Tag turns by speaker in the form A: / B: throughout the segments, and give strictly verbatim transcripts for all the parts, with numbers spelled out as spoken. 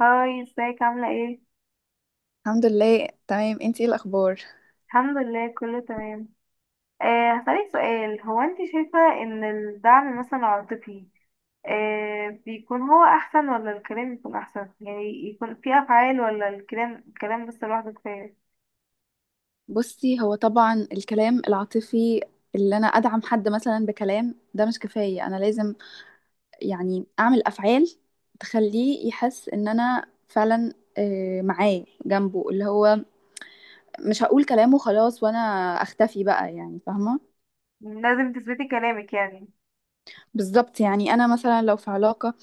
A: هاي، ازيك؟ عاملة ايه؟
B: الحمد لله تمام، انتي ايه الاخبار؟
A: الحمد لله كله تمام. آه هسألك سؤال. هو انت شايفة ان الدعم مثلا العاطفي آه بيكون هو احسن ولا الكلام يكون احسن؟ يعني يكون في افعال ولا الكلام الكلام بس لوحده كفاية؟
B: بصي، هو طبعا الكلام العاطفي اللي انا ادعم حد مثلا بكلام ده مش كفايه، انا لازم يعني اعمل افعال تخليه يحس ان انا فعلا آه، معاه جنبه. اللي هو مش هقول كلامه خلاص وانا اختفي بقى، يعني فاهمه.
A: لازم تثبتي كلامك يعني.
B: بالظبط. يعني انا مثلا لو في علاقه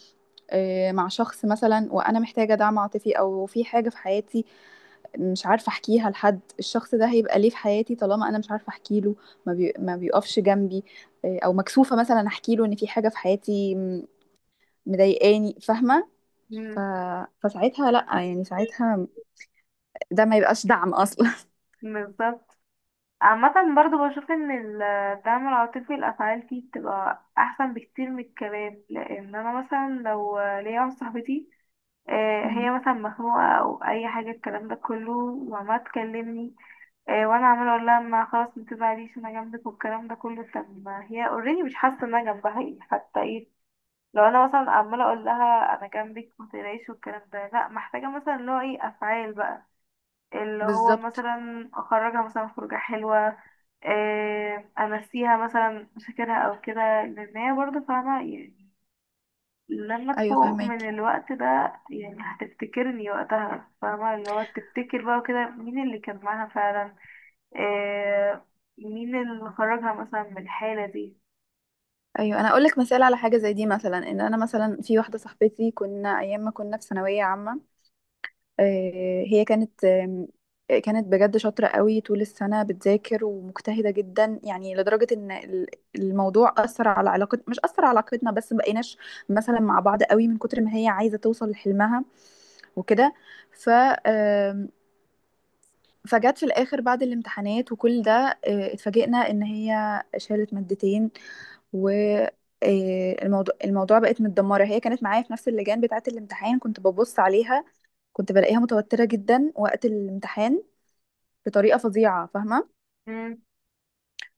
B: آه، مع شخص مثلا وانا محتاجه دعم عاطفي او في حاجه في حياتي مش عارفة أحكيها لحد، الشخص ده هيبقى ليه في حياتي طالما أنا مش عارفة أحكي له؟ ما, بي... ما بيقفش جنبي. آه، أو مكسوفة مثلا أحكي له إن في حاجة في حياتي م- مضايقاني، فاهمة. ف...
A: مم،
B: فساعتها لأ، يعني ساعتها ده ما يبقاش دعم أصلا.
A: بالظبط. عامة برضو بشوف ان الدعم العاطفي الافعال فيه بتبقى احسن بكتير من الكلام، لان انا مثلا لو ليا واحدة صاحبتي آه،
B: مم.
A: هي مثلا مخنوقة أو أي حاجة، الكلام ده كله وعمالة تكلمني، آه، وأنا عمالة أقول لها ما خلاص متزعليش أنا جنبك والكلام ده كله. طب ما هي اوريدي مش حاسة إن أنا جنبها، إيه حتى إيه. لو أنا مثلا عمالة أقول لها أنا جنبك متقلقيش والكلام ده، لأ، محتاجة مثلا اللي هو إيه، أفعال بقى. اللي هو
B: بالظبط.
A: مثلا أخرجها مثلا خروجة حلوة، آه، أمسيها مثلا مشاكلها أو كده، لأن هي برضه فاهمة يعني لما
B: أيوة
A: تفوق من
B: فهماكي.
A: الوقت ده، يعني هتفتكرني وقتها، فاهمة اللي هو تفتكر بقى وكده مين اللي كان معاها فعلا. آه. مين اللي خرجها مثلا من الحالة دي.
B: أيوة أنا أقولك مثال على حاجة زي دي، مثلا إن أنا مثلا في واحدة صاحبتي كنا أيام ما كنا في ثانوية عامة، آه، هي كانت آم، كانت بجد شاطرة قوي، طول السنة بتذاكر ومجتهدة جدا يعني، لدرجة ان ال- الموضوع أثر على علاقة، مش أثر على علاقتنا بس مبقيناش مثلا مع بعض قوي من كتر ما هي عايزة توصل لحلمها وكده. ف آم، فجت في الآخر بعد الامتحانات وكل ده، آه، اتفاجئنا ان هي شالت مادتين. و آه، الموضوع الموضوع بقت متدمرة. هي كانت معايا في نفس اللجان بتاعة الامتحان، كنت ببص عليها، كنت بلاقيها متوترة جدا وقت الامتحان بطريقة فظيعة، فاهمة.
A: مم.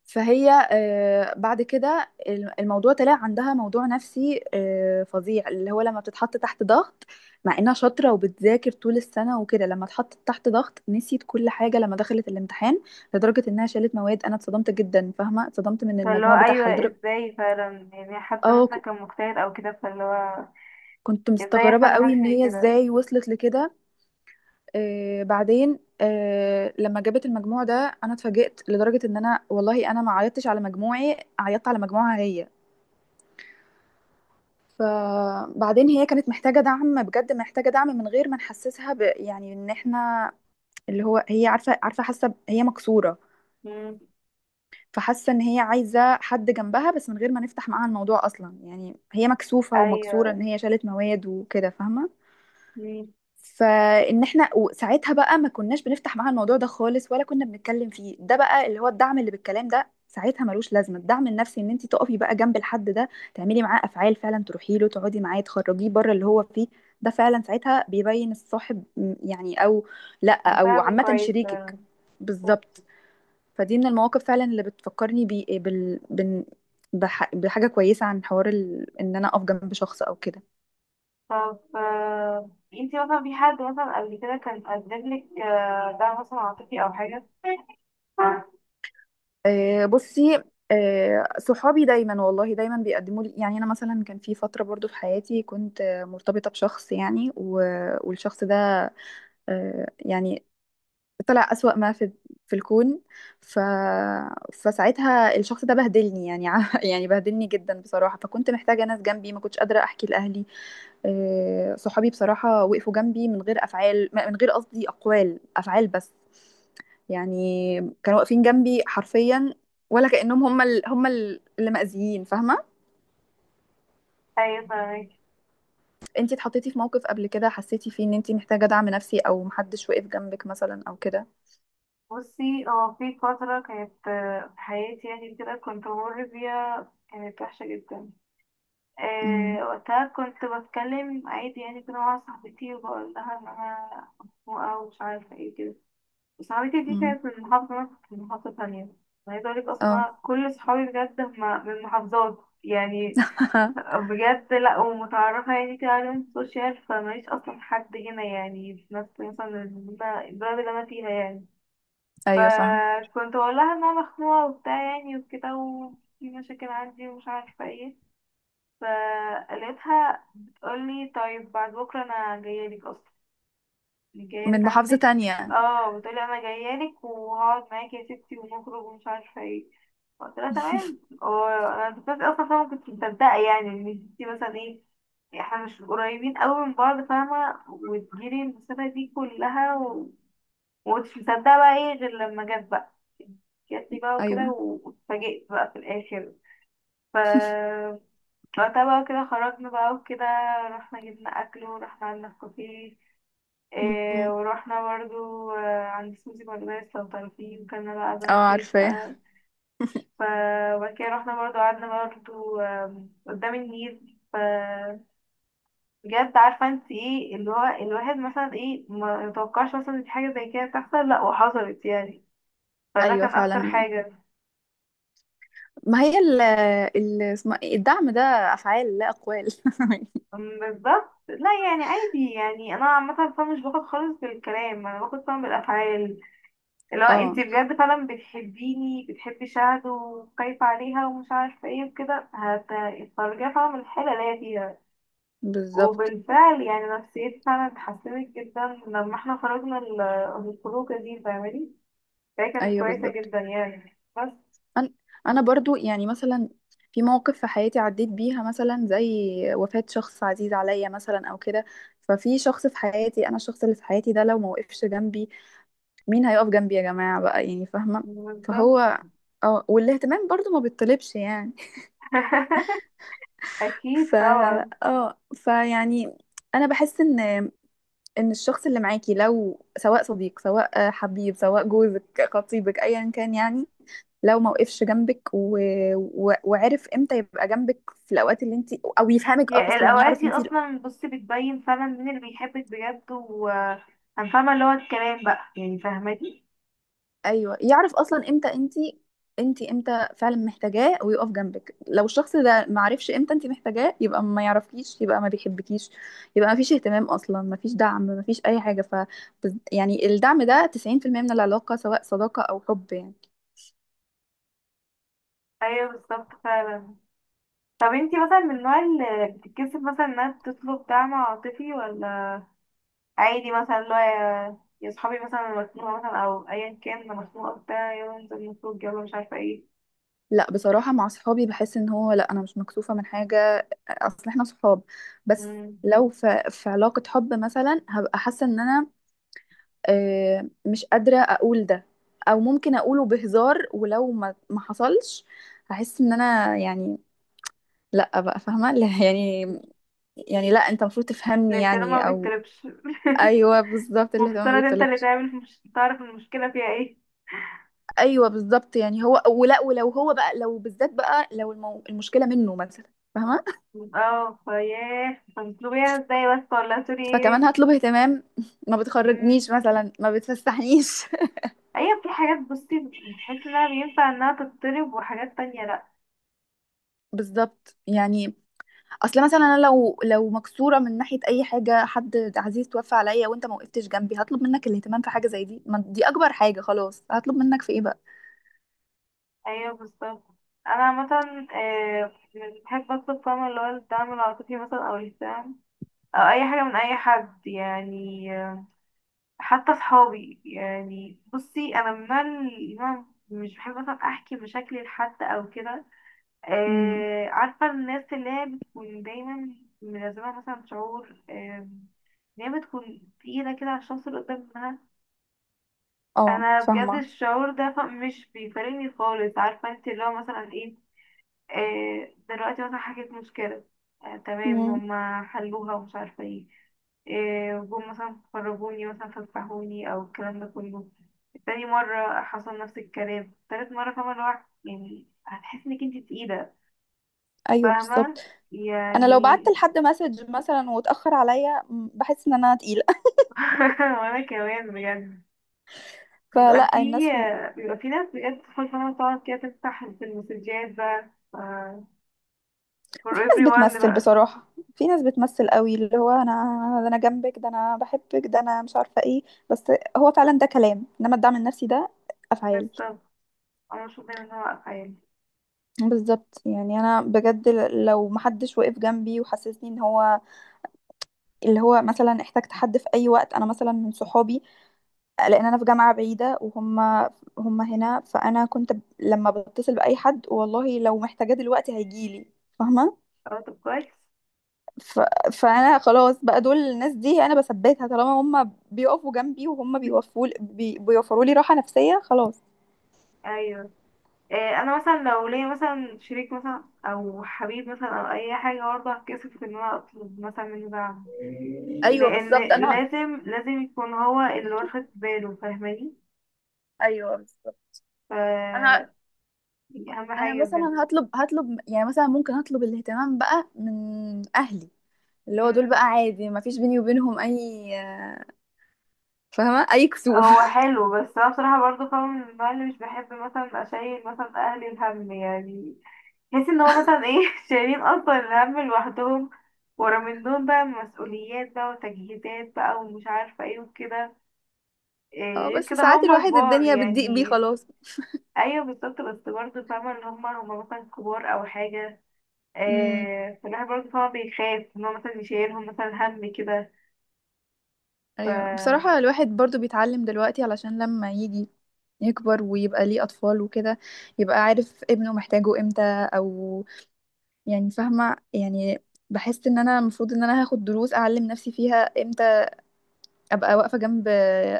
B: فهي آه، بعد كده الم- الموضوع طلع عندها موضوع نفسي آه، فظيع، اللي هو لما بتتحط تحت ضغط، مع انها شاطرة وبتذاكر طول السنة وكده، لما اتحطت تحت ضغط نسيت كل حاجة لما دخلت الامتحان لدرجة انها شالت مواد. انا اتصدمت جدا، فاهمة، اتصدمت من
A: فاللي هو
B: المجموع بتاعها
A: أيوة،
B: لدرجة
A: ازاي فعلا؟ يعني حد
B: اه ك-
A: مثلا كان مجتهد أو كده، فاللي هو
B: كنت
A: ازاي يحصل
B: مستغربة
A: له
B: قوي
A: حاجة
B: ان
A: زي
B: هي
A: كده.
B: ازاي وصلت لكده. آه بعدين آه لما جابت المجموع ده انا اتفاجئت لدرجه ان انا والله انا ما عيطتش على مجموعي، عيطت على مجموعها هي. فبعدين هي كانت محتاجه دعم بجد، محتاجه دعم من غير ما نحسسها ب... يعني ان احنا، اللي هو هي عارفه عارفه حاسه ب- هي مكسوره.
A: مم.
B: فحاسه ان هي عايزه حد جنبها بس من غير ما نفتح معاها الموضوع اصلا، يعني هي مكسوفه ومكسوره
A: أيوة.
B: ان هي شالت مواد وكده، فاهمه.
A: مم.
B: فان احنا وساعتها بقى ما كناش بنفتح معاها الموضوع ده خالص ولا كنا بنتكلم فيه. ده بقى اللي هو الدعم اللي بالكلام، ده ساعتها ملوش لازمه. الدعم النفسي ان انت تقفي بقى جنب الحد ده، تعملي معاه افعال فعلا، تروحي له، تقعدي معاه، تخرجيه بره اللي هو فيه. ده فعلا ساعتها بيبين الصاحب م- يعني، او لا، او
A: مساعد
B: عامه
A: كويس
B: شريكك.
A: فعلا.
B: بالظبط. فدي من المواقف فعلا اللي بتفكرني بي بال بن بح بحاجه كويسه، عن حوار ال... ان انا اقف جنب شخص او كده.
A: طب، آه، انتي مثلا في حد مثلا قبل كده كان قدملك آه، دعم مثلا عاطفي أو حاجة؟
B: آه، بصي، آه، صحابي دايما والله دايما بيقدموا لي. يعني انا مثلا كان في فتره برضو في حياتي كنت آه، مرتبطه بشخص يعني، و- والشخص ده آه، يعني طلع اسوأ ما في في الكون. ف... فساعتها الشخص ده بهدلني يعني ع- يعني بهدلني جدا بصراحه، فكنت محتاجه ناس جنبي، ما كنتش قادره احكي لاهلي. آه، صحابي بصراحة وقفوا جنبي من غير أفعال، من غير قصدي، أقوال أفعال بس. يعني كانوا واقفين جنبي حرفيا، ولا كأنهم هم ال... هم ال- اللي مأذيين، فاهمة.
A: أيوة فاهمك.
B: انتي اتحطيتي في موقف قبل كده حسيتي فيه ان انتي محتاجة دعم نفسي او محدش وقف جنبك مثلا او كده؟
A: بصي اه، في فترة كانت آه، في حياتي يعني كده كنت بمر بيها، كانت وحشة جدا.
B: امم.
A: آه، وقتها كنت بتكلم عادي يعني كده مع صاحبتي وبقول لها ان انا مخنوقة ومش عارفة ايه كده. صاحبتي دي
B: امم.
A: كانت من محافظة، انا كنت من محافظة تانية. أنا عايزة اقولك اصلا
B: اه.
A: انا كل صحابي بجد هم من محافظات يعني. بجد، لا، ومتعرفة يعني كده على السوشيال، فماليش اصلا حد هنا يعني في نفس مثلا البلد اللي انا فيها يعني.
B: ايوه فاهم.
A: فكنت بقول لها ان انا مخنوقه وبتاع يعني وكده وفي مشاكل عندي ومش عارفه ايه. فقالتها بتقولي طيب، بعد بكره انا جايه لك اصلا، يعني جايه
B: من
A: لك
B: محافظة
A: عندك.
B: تانية.
A: اه، بتقولي انا جايه لك وهقعد معاكي يا ستي ونخرج ومش عارفه ايه. قلت لها تمام. وانا كنت اصلا فاهمه، كنت مصدقه يعني ان ستي مثلا ايه، احنا مش قريبين قوي من بعض فاهمه وتجيلي المسافه دي كلها. ومكنتش مصدقة بقى ايه غير لما جت بقى. جات لي بقى وكده
B: ايوه.
A: واتفاجئت بقى في الآخر. ف وقتها بقى كده خرجنا بقى وكده. رحنا جبنا أكل ورحنا قعدنا في كافيه، إيه،
B: أمم.
A: ورحنا برضو آه، عند سوزي بردايس لو تعرفيه، وكلنا بقى
B: اه
A: بان كيك
B: عارفة.
A: بقى. ف وبعد كده رحنا برضو قعدنا برضو، آم، قدام النيل. ف بجد عارفة انت ايه اللي هو الواحد مثلا ايه ما يتوقعش مثلا إن في حاجة زي كده تحصل، لا وحصلت يعني. فده
B: ايوه
A: كان أكتر
B: فعلا.
A: حاجة.
B: ما هي ال ال اسمها إيه؟ الدعم ده افعال لا اقوال.
A: أم، بالظبط. لا يعني عادي، يعني انا عامه فعلا مش باخد خالص بالكلام، انا باخد فعلا بالافعال. اللي هو انت
B: اه
A: بجد فعلا بتحبيني، بتحبي شهد وخايفه عليها ومش عارفه ايه وكده، هتخرجيها فعلا من الحاله اللي هي فيها.
B: بالظبط.
A: وبالفعل يعني نفسيتي فعلا اتحسنت جدا لما احنا خرجنا ال- الخروجه دي، فاهماني؟ فهي كانت
B: ايوه
A: كويسه
B: بالظبط.
A: جدا يعني، بس
B: انا انا برضو يعني مثلا في مواقف في حياتي عديت بيها، مثلا زي وفاة شخص عزيز عليا مثلا او كده. ففي شخص في حياتي انا، الشخص اللي في حياتي ده لو ما وقفش جنبي مين هيقف جنبي يا جماعة بقى، يعني فاهمة.
A: بالظبط.
B: فهو اه والاهتمام برضو ما بيطلبش، يعني.
A: اكيد
B: فا
A: طبعا.
B: اه فيعني انا بحس ان ان الشخص اللي معاكي لو سواء صديق سواء حبيب سواء جوزك خطيبك ايا كان يعني، لو ما وقفش جنبك و... و... وعرف امتى يبقى جنبك في الاوقات اللي انت، او يفهمك
A: يا
B: اصلا
A: الأوقات
B: يعرف
A: دي
B: انت.
A: أصلا بصي بتبين فعلا مين اللي بيحبك بجد و... انا فاهمه اللي هو الكلام بقى يعني، فاهماني؟
B: ايوه يعرف اصلا امتى انت انت امتى فعلا محتاجاه ويقف جنبك. لو الشخص ده ما عرفش امتى انت محتاجاه يبقى ما يعرفكيش، يبقى ما بيحبكيش، يبقى ما فيش اهتمام اصلا، ما فيش دعم، ما فيش اي حاجه. ف يعني الدعم ده تسعين في المئة من العلاقه سواء صداقه او حب، يعني.
A: ايوه بالظبط فعلا. طب انتي مثلا من النوع اللي بتتكسف مثلا انها تطلب دعم عاطفي، ولا عادي مثلا اللي هو يا يا صحابي مثلا أنا مخنوقه مثلا، او ايا كان انا مخنوقه بتاع يلا ننزل نخرج يلا مش عارفه ايه.
B: لا بصراحة مع صحابي بحس ان هو لا، انا مش مكسوفة من حاجة، اصل احنا صحاب. بس
A: امم.
B: لو في, في علاقة حب مثلا هبقى حاسة ان انا آه، مش قادرة اقول ده، او ممكن اقوله بهزار ولو ما ما حصلش هحس ان انا يعني لا بقى، فاهمة، لا، يعني، يعني لا انت المفروض تفهمني
A: الاهتمام ما
B: يعني او.
A: بيتطلبش.
B: ايوه بالظبط، الاهتمام ما
A: مفترض انت اللي
B: بيطلبش.
A: تعمل، مش تعرف المشكله فيها ايه.
B: ايوه بالظبط يعني هو، ولا ولو هو بقى، لو بالذات بقى لو المو... المشكلة منه مثلا، فاهمة.
A: اه، فياه هتطلبيها ازاي بس؟ ولا سوري
B: فكمان
A: ايه.
B: هطلب اهتمام. ما
A: مم.
B: بتخرجنيش مثلا، ما بتفسحنيش.
A: ايوه، في حاجات بصي بتحس انها بينفع انها تتطلب، وحاجات تانية لأ.
B: بالظبط يعني. اصل مثلا انا لو لو مكسوره من ناحيه اي حاجه، حد عزيز توفى عليا وانت ما وقفتش جنبي هطلب منك الاهتمام في حاجه زي دي؟ ما دي اكبر حاجه، خلاص هطلب منك في ايه بقى.
A: ايوه بالظبط. انا عامه آه، يعني بحب اطلب، فاهمة اللي هو الدعم العاطفي مثلا او الاهتمام او اي حاجه من اي حد يعني. آه، حتى صحابي يعني بصي، انا من النوع اللي أنا مش بحب مثلا احكي مشاكلي لحد او كده.
B: امم،
A: آه، عارفه الناس اللي هي بتكون دايما ملازمها مثلا شعور آه، ان هي بتكون تقيله كده على الشخص اللي قدامها.
B: اه،
A: انا بجد
B: فاهمه.
A: الشعور ده ف- مش بيفارقني خالص، عارفه انت اللي هو مثلا ايه، آه، دلوقتي مثلا حكيت مشكلة، آه، تمام
B: امم.
A: هما حلوها ومش عارفة ايه، آه، جم مثلا خرجوني مثلا فسحوني أو الكلام ده كله. تاني مرة حصل نفس الكلام، تالت مرة، فاهمة اللي هو يعني هتحس انك انت تقيلة.
B: ايوه بالظبط.
A: فاهمة
B: انا لو بعت
A: يعني.
B: لحد مسج مثلا واتاخر عليا مم، بحس ان انا تقيله.
A: وانا كمان بجد بيبقى في
B: فلا الناس.
A: بيبقى في ناس بجد تدخل فاهمة تقعد كده تفتح في المسجات بقى، ف- for
B: وفي ناس
A: everyone
B: بتمثل
A: بقى.
B: بصراحة، في ناس بتمثل قوي اللي هو انا، انا ده أنا جنبك، ده انا بحبك، ده انا مش عارفة ايه. بس هو فعلا ده كلام، انما الدعم النفسي ده افعال.
A: بالظبط. انا مش دايما ان انا واقفة يعني.
B: بالظبط يعني انا بجد ل- لو محدش وقف جنبي وحسسني ان هو، اللي هو مثلا احتجت حد في اي وقت انا مثلا من صحابي لان انا في جامعة بعيدة وهم هم هنا، فانا كنت ب- لما بتصل باي حد والله لو محتاجاه دلوقتي هيجيلي، فاهمة.
A: اه طب كويس.
B: ف... فانا خلاص بقى دول الناس دي انا بثبتها، طالما هم بيقفوا جنبي وهم بيوفوا بي... بيوفروا لي راحة نفسية خلاص.
A: ايوه. إيه، انا مثلا لو ليا مثلا شريك مثلا او حبيب مثلا او اي حاجه، برضه هتكسف ان انا اطلب مثلا منه دعم.
B: ايوه
A: لان
B: بالظبط انا.
A: لازم لازم يكون هو اللي واخد باله، فاهماني؟
B: ايوه بالظبط
A: ف
B: انا
A: دي اهم
B: انا
A: حاجه بجد.
B: مثلا هطلب هطلب، يعني مثلا ممكن اطلب الاهتمام بقى من اهلي، اللي هو دول
A: مم.
B: بقى عادي، ما فيش بيني وبينهم اي فاهمه اي كسوف.
A: هو حلو، بس انا بصراحه برضه فاهمه من النوع اللي مش بحب مثلا اشيل مثلا اهلي الهم يعني. بحس ان هو مثلا ايه شايلين اصلا الهم لوحدهم، ورا من دول بقى مسؤوليات بقى وتجهيزات بقى ومش عارفه ايه وكده. إيه،
B: اه
A: غير
B: بس
A: كده
B: ساعات
A: هم
B: الواحد
A: كبار
B: الدنيا بتضيق بيه
A: يعني.
B: خلاص.
A: ايوه بالظبط، بس برضه فاهمة اللي هم هم مثلا كبار او حاجة.
B: امم.
A: إيه، فالواحد برضه فاهمة بيخاف ان هو مثلا يشيلهم مثلا هم كده. ف
B: ايوه بصراحة الواحد برضو بيتعلم دلوقتي علشان لما يجي يكبر ويبقى ليه اطفال وكده يبقى عارف ابنه محتاجه امتى، او يعني فاهمة يعني، بحس ان انا المفروض ان انا هاخد دروس اعلم نفسي فيها امتى ابقى واقفة جنب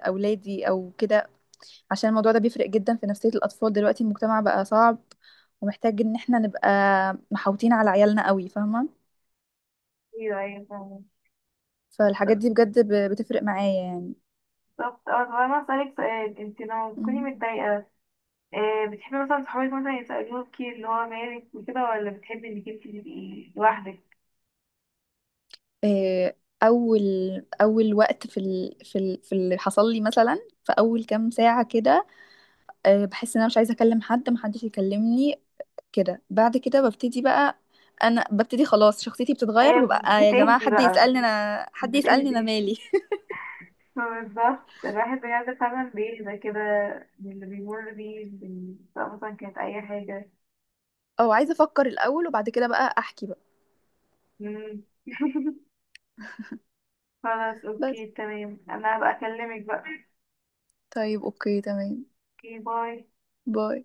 B: اولادي او كده، عشان الموضوع ده بيفرق جدا في نفسية الاطفال. دلوقتي المجتمع بقى صعب، ومحتاج ان احنا نبقى محاوطين على عيالنا قوي، فاهمة.
A: ايوه ايوه فاهمة.
B: فالحاجات دي بجد ب- بتفرق معايا،
A: بالظبط. اه طب انا هسألك سؤال، انت لما بتكوني
B: يعني.
A: متضايقة، إيه، بتحبي مثلا صحابك مثلا يسألوكي اللي هو مالك وكده، ولا بتحبي انك انت تبقي لوحدك؟
B: آه، اول اول وقت في ال... في ال... في اللي حصل لي مثلا، في اول كام ساعه كده آه، بحس ان انا مش عايزه اكلم حد، محدش يكلمني كده. بعد كده ببتدي بقى، انا ببتدي خلاص شخصيتي بتتغير
A: ايه
B: وببقى آه يا جماعه
A: بتهدي
B: حد
A: بقى.
B: يسالني انا، حد يسالني انا
A: بتهدي.
B: مالي.
A: بالظبط، الواحد بجد فعلا بيهدى كده من اللي بيمر بيه من- سواء مثلا كانت أي حاجة.
B: او عايزه افكر الاول وبعد كده بقى احكي بقى.
A: مم. خلاص أوكي
B: بس
A: تمام، أنا هبقى أكلمك بقى.
B: طيب، اوكي تمام.
A: أوكي، باي.
B: باي.